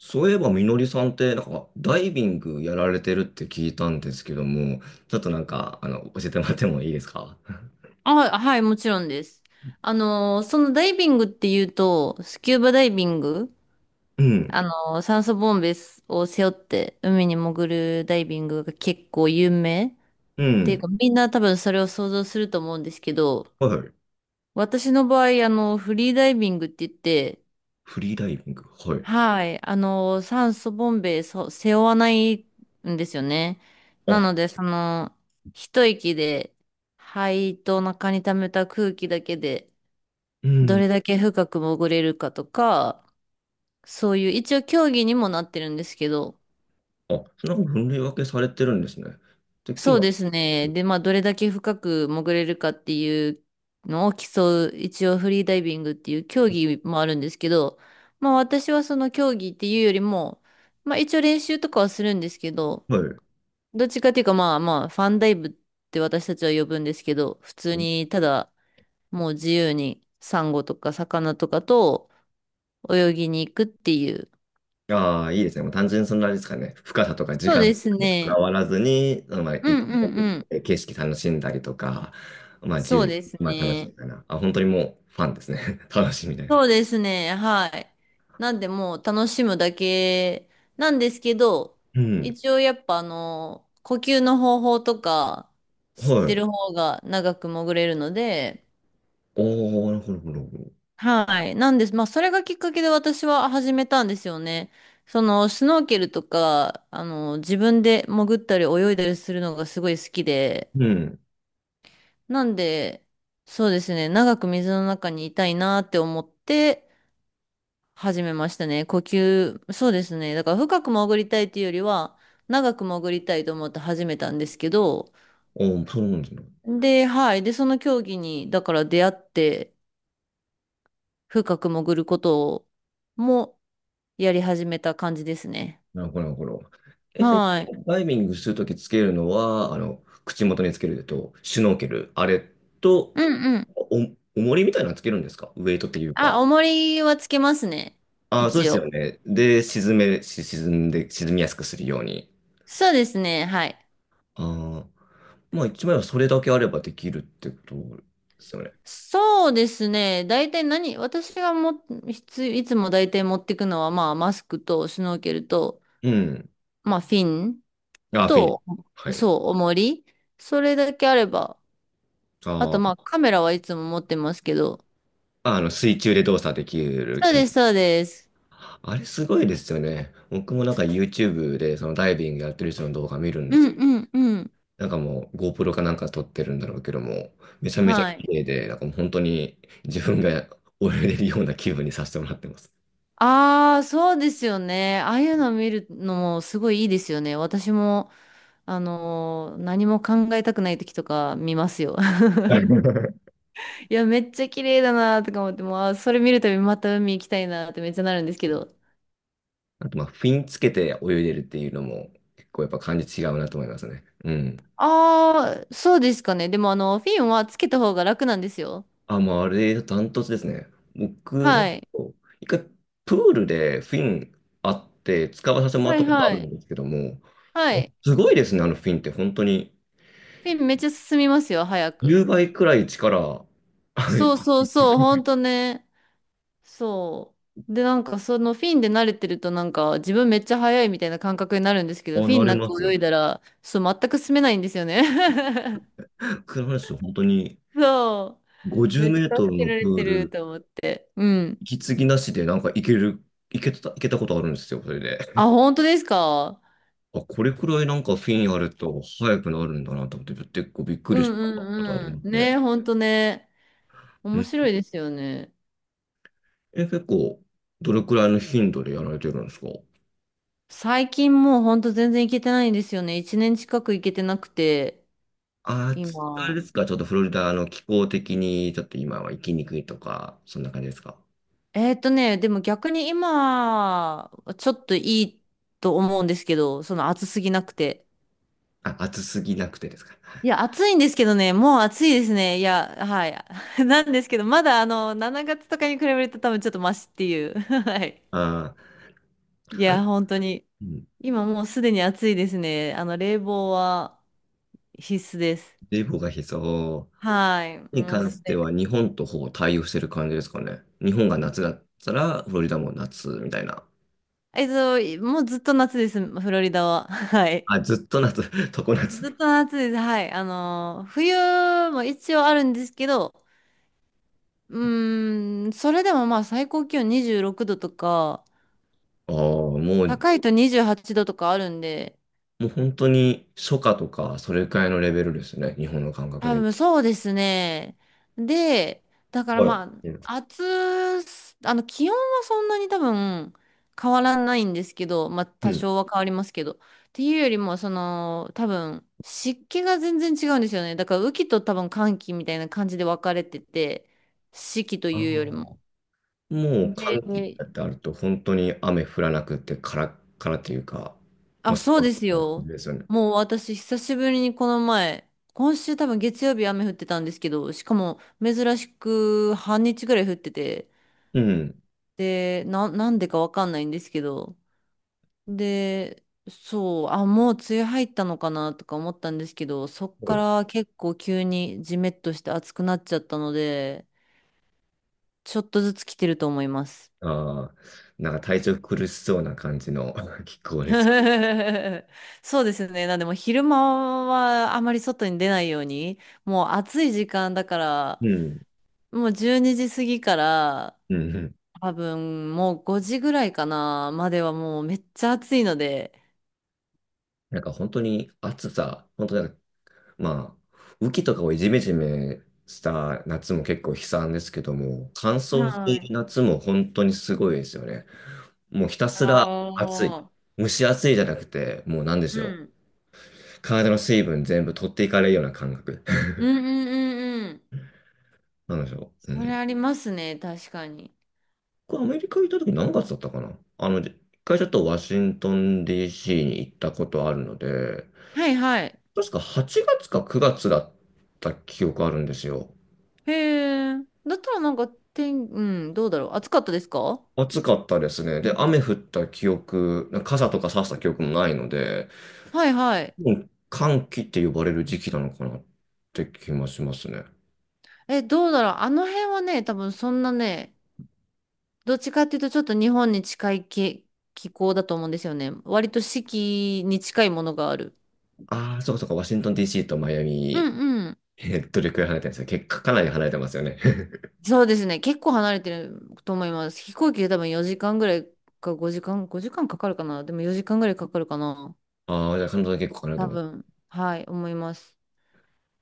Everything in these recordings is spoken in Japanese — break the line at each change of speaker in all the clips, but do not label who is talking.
そういえば、みのりさんって、ダイビングやられてるって聞いたんですけども、ちょっと教えてもらってもいいですか？
あ、はい、もちろんです。そのダイビングっていうと、スキューバダイビング、
うん、
酸素ボンベを背負って海に潜るダイビングが結構有名っ
う
ていう
ん、
か、みんな多分それを想像すると思うんですけど、
はい。
私の場合、フリーダイビングって言って、
フリーダイビング、はい。
はい、酸素ボンベそ背負わないんですよね。な
あ、
ので、その、一息で、肺と中に溜めた空気だけで、
う
ど
ん、
れだけ深く潜れるかとか、そういう、一応競技にもなってるんですけど、
あ、そんな分類分けされてるんですね。てっき
そ
り
う
な、
ですね。で、まあ、どれだけ深く潜れるかっていうのを競う、一応フリーダイビングっていう競技もあるんですけど、まあ、私はその競技っていうよりも、まあ、一応練習とかはするんですけど、
はい。
どっちかっていうか、まあまあ、ファンダイブって私たちは呼ぶんですけど、普通に、ただ、もう自由に、サンゴとか魚とかと泳ぎに行くっていう。
ああ、いいですね。もう単純にそんなあれですかね。深さとか時
そう
間
で
とか
す
にこだ
ね。
わらずに、まあ、い
うんう
潜
んう
っ
ん。
て景色楽しんだりとか、まあ、自
そ
由
う
に、
です
まあ、楽し
ね。
いかな。あ、本当にもう、ファンですね。楽しみたいな。
そうですね。はい。なんでもう楽しむだけなんですけど、
うん、
一応やっぱあの、呼吸の方法とか知っ
は
て
い。
る方が長く潜れるので、
おー、なるほど、なるほど。
はい。なんです。まあそれがきっかけで私は始めたんですよね。そのスノーケルとか、自分で潜ったり泳いだりするのがすごい好きで、
うん。
なんで、そうですね。長く水の中にいたいなって思って、始めましたね。呼吸、そうですね。だから深く潜りたいというよりは、長く潜りたいと思って始めたんですけど、
おー、そうなんですね。
で、はい。で、その競技に、だから出会って、深く潜ることをもやり始めた感じですね。
なるほど、なるほど。え、それ、
はい。
ダイビングするときつけるのは、あの、口元につけると、シュノーケル、あれと、
うんうん。
お、重りみたいなのつけるんですか？ウェイトっていうか。
あ、重りはつけますね。
ああ、そうで
一
すよ
応。
ね。で、沈め、し沈んで、沈みやすくするように。
そうですね。はい。
ああ、まあ一枚はそれだけあればできるってことですよね。
そうですね。大体何、私がも、いつ、いつも大体持っていくのは、まあ、マスクとスノーケルと、
うん。
まあ、フィン。
ああ、フィン。
と、
はい。
そう、重り。それだけあれば。あと、ま
あ
あ、カメラはいつも持ってますけど。
あ、あの、水中で動作できる。
そうです、そうです。
あれすごいですよね。僕もYouTube でそのダイビングやってる人の動画見るんで
うん
すけ
うんうん。
ど、なんかもう GoPro かなんか撮ってるんだろうけども、めちゃめちゃ
は
綺
い。
麗で、なんかもう本当に自分が泳いでるような気分にさせてもらってます。
ああ、そうですよね。ああいうの見るのもすごいいいですよね。私も、何も考えたくない時とか見ますよ。
はい
いや、めっちゃ綺麗だなとか思って、もう、あー、それ見るたびまた海行きたいなってめっちゃなるんですけど。
あとまあ、フィンつけて泳いでるっていうのも結構やっぱ感じ違うなと思いますね。うん。
ああ、そうですかね。でも、フィンはつけた方が楽なんですよ。
あ、もうあれ、ダントツですね。僕、なん
は
か、
い。
一回、プールでフィンあって、使わさせてもら
は
っ
い
たことあ
は
る
い。
んですけども、
はい。
すごいですね、あのフィンって、本当に。
フィンめっちゃ進みますよ、早く。
10倍くらい力、はい、
そうそうそう、ほんとね。そう。で、なんかそのフィンで慣れてるとなんか自分めっちゃ速いみたいな感覚になるんですけ
あ、
ど、フィ
な
ン
れ
なん
ま
か
す。
泳いだら、そう、全く進めないんですよね。
僕の話、本当に、
そ
50
う。め
メ
っち
ー
ゃ
ト
助
ル
け
の
ら
プ
れ
ー
てる
ル、
と思って。うん。
息継ぎなしで、なんか、いける、いけたことあるんですよ、それで。
あ、本当ですか？
あ、これくらいなんかフィンあると、速くなるんだなと思って、結構びっく
う
りし
ん
たことあ
うん
りま
う
す
ん。
ね。
ね、本当ね。面白いですよね。
え、結構、どれくらいの頻度でやられてるんですか？
最近もう本当全然行けてないんですよね。一年近く行けてなくて。
あー、つあれ
今。
ですか、ちょっとフロリダの気候的に、ちょっと今は行きにくいとか、そんな感じですか？
でも逆に今、ちょっといいと思うんですけど、その暑すぎなくて。
あ、暑すぎなくてですか？
いや、暑いんですけどね、もう暑いですね。いや、はい。なんですけど、まだあの、7月とかに比べると多分ちょっとマシっていう。はい。
ああ
い
ー、あ
や、
れ、
本当に。
うん、
今もうすでに暑いですね。冷房は必須です。
冷房が必要
はい。
に
もう
関
す
して
で
は、日
に。
本とほぼ対応してる感じですかね。日本が夏だったら、フロリダも夏みたいな。
もうずっと夏です、フロリダは。はい。
あ、ずっと夏、常夏。
ずっと夏です。はい。冬も一応あるんですけど、うーん、それでもまあ最高気温26度とか、
ああ、う、
高いと28度とかあるんで、
もう本当に初夏とか、それくらいのレベルですね、日本の感覚
多
で。
分そうですね。で、だから
は
ま
い。うん。
あ、暑す、気温はそんなに多分変わらないんですけど、まあ
う
多
ん。
少は変わりますけど。っていうよりも、その、多分湿気が全然違うんですよね。だから雨季と多分乾季みたいな感じで分かれてて、四季と
あ
いうよりも。
あ、もう
で、
寒気だってあると、本当に雨降らなくて、カラッカラっていうか、まあ、
あ、
そ
そうです
う
よ。
ですよね。
もう私、久しぶりにこの前、今週多分月曜日雨降ってたんですけど、しかも珍しく半日ぐらい降ってて、
うん。
で、なんでかわかんないんですけど。で、そう、あ、もう梅雨入ったのかなとか思ったんですけど、そっか
そ、
ら結構急にジメッとして暑くなっちゃったので、ちょっとずつ来てると思います。
ああー、なんか体調苦しそうな感じの 気候です。
そうですね。なんでもう昼間はあまり外に出ないように、もう暑い時間だか
う
ら、
ん。
もう12時過ぎから、
うん。うん。
多分もう5時ぐらいかなまではもうめっちゃ暑いので、
なんか本当に暑さ、本当なんか、まあ、雨季とかをジメジメした夏も結構悲惨ですけども、乾燥して
は
いる
い。
夏も本当にすごいですよね。もうひた
あ
すら暑い。
あ。
蒸し暑いじゃなくて、もうなんで
う
しょう。
ん。
体の水分全部取っていかれるような感覚。
うんうんうんうん。
なんでしょう。う
それ
ん。
ありますね、確かに。
僕、アメリカ行った時何月だったかな？あの、一回ちょっとワシントン DC に行ったことあるので、
はいはい。
確か8月か9月だった記憶あるんですよ。
へえ。だったらなんか、うん、どうだろう。暑かったですか？
暑かったですね。で、雨降った記憶、傘とか差した記憶もないので、
はいはい。
もう寒気って呼ばれる時期なのかなって気もしますね。
え、どうだろう。あの辺はね、多分そんなね、どっちかっていうとちょっと日本に近い気候だと思うんですよね。割と四季に近いものがある。
ああ、そうかそうか、ワシントン DC とマイア
う
ミ、
んうん。
えーどれくらい離れてるんですか？結構かなり離れてますよね。
そうですね。結構離れてると思います。飛行機で多分4時間ぐらいか5時間かかるかな。でも4時間ぐらいかかるかな。
ああ、じゃあカナ
多
ダも、
分、はい、思います。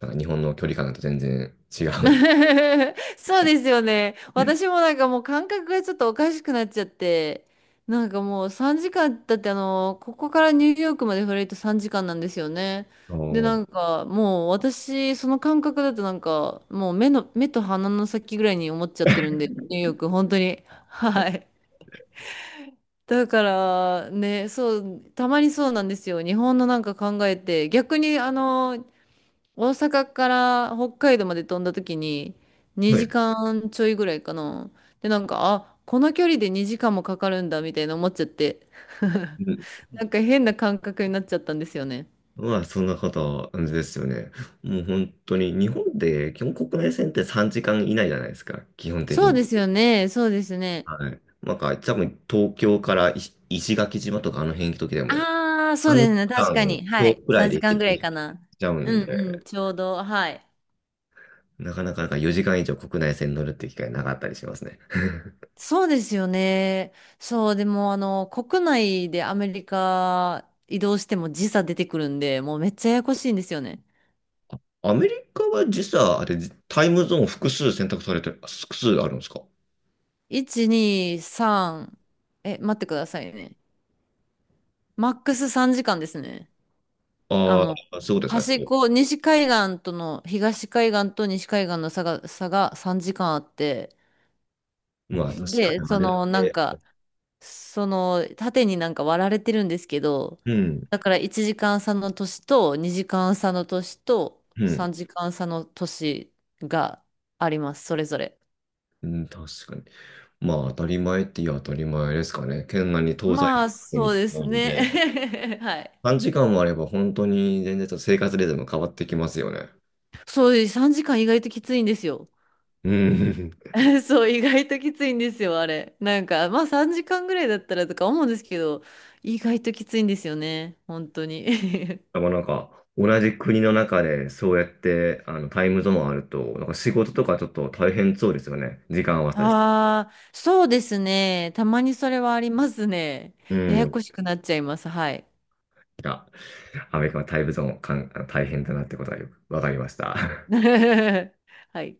なんか日本の距離感だと全然違う。
そうですよね。私もなんかもう感覚がちょっとおかしくなっちゃって、なんかもう3時間、だってあの、ここからニューヨークまでフライト3時間なんですよね。
お
で、
ー、
なんかもう私、その感覚だとなんか、もう目と鼻の先ぐらいに思っちゃってるんで、ニューヨーク、本当に。はい。だからね、そう、たまにそうなんですよ。日本のなんか考えて、逆にあの、大阪から北海道まで飛んだ時に
は
2
い。
時間ちょいぐらいかな。で、なんか、あ、この距離で2時間もかかるんだみたいな思っちゃって。
うん。
なんか変な感覚になっちゃったんですよね。
まあ、そんな方ですよね。もう本当に、日本って基本国内線って3時間以内じゃないですか、基本的
そう
に。
ですよね。そうですね。
はい。なんか、多分東京から石垣島とかあの辺行く時でも、
ああ、そう
3
ですね。確
時
か
間
に。
今
は
日
い。
くらい
3
で行
時
け
間ぐら
て
い
し
かな。
ちゃう
う
ん
んうん。
で、
ちょうど。はい。
なかなか4時間以上国内線乗るって機会なかったりしますね。
そうですよね。そう、でも、国内でアメリカ移動しても時差出てくるんで、もうめっちゃややこしいんですよね。
アメリカは実は、あれ、タイムゾーン複数選択されて、複数あるんですか？
1、2、3。え、待ってくださいね。マックス3時間ですね。あ
あ
の、
あ、そういうことですか。
端っ
こ
こ、西海岸との、東海岸と西海岸の差が3時間あって、
うまあ、確
で、
かにあれだけ。
その、縦になんか割られてるんですけど、
うん、
だから1時間差の年と、2時間差の年と、
うん、
3時間差の年があります、それぞれ。
うん、確かに。まあ、当たり前って言う当たり前ですかね。県外に東
ま
西方
あ、
向
そう
に
です
なん
ね。
で、
はい。
短時間もあれば本当に全然ちょっと生活リズム変わってきますよね。
そう、3時間意外ときついんですよ。
うん。
そう、意外ときついんですよ、あれ。なんか、まあ3時間ぐらいだったらとか思うんですけど、意外ときついんですよね、本当に。
なかなんか、同じ国の中でそうやってあのタイムゾーンあると、なんか仕事とかちょっと大変そうですよね。時間合わせです。
ああ、そうですね。たまにそれはありますね。
う
や
ん。
や
い
こしくなっちゃいます。はい。
や、アメリカはタイムゾーンかん大変だなってことがよくわかりました。
はい。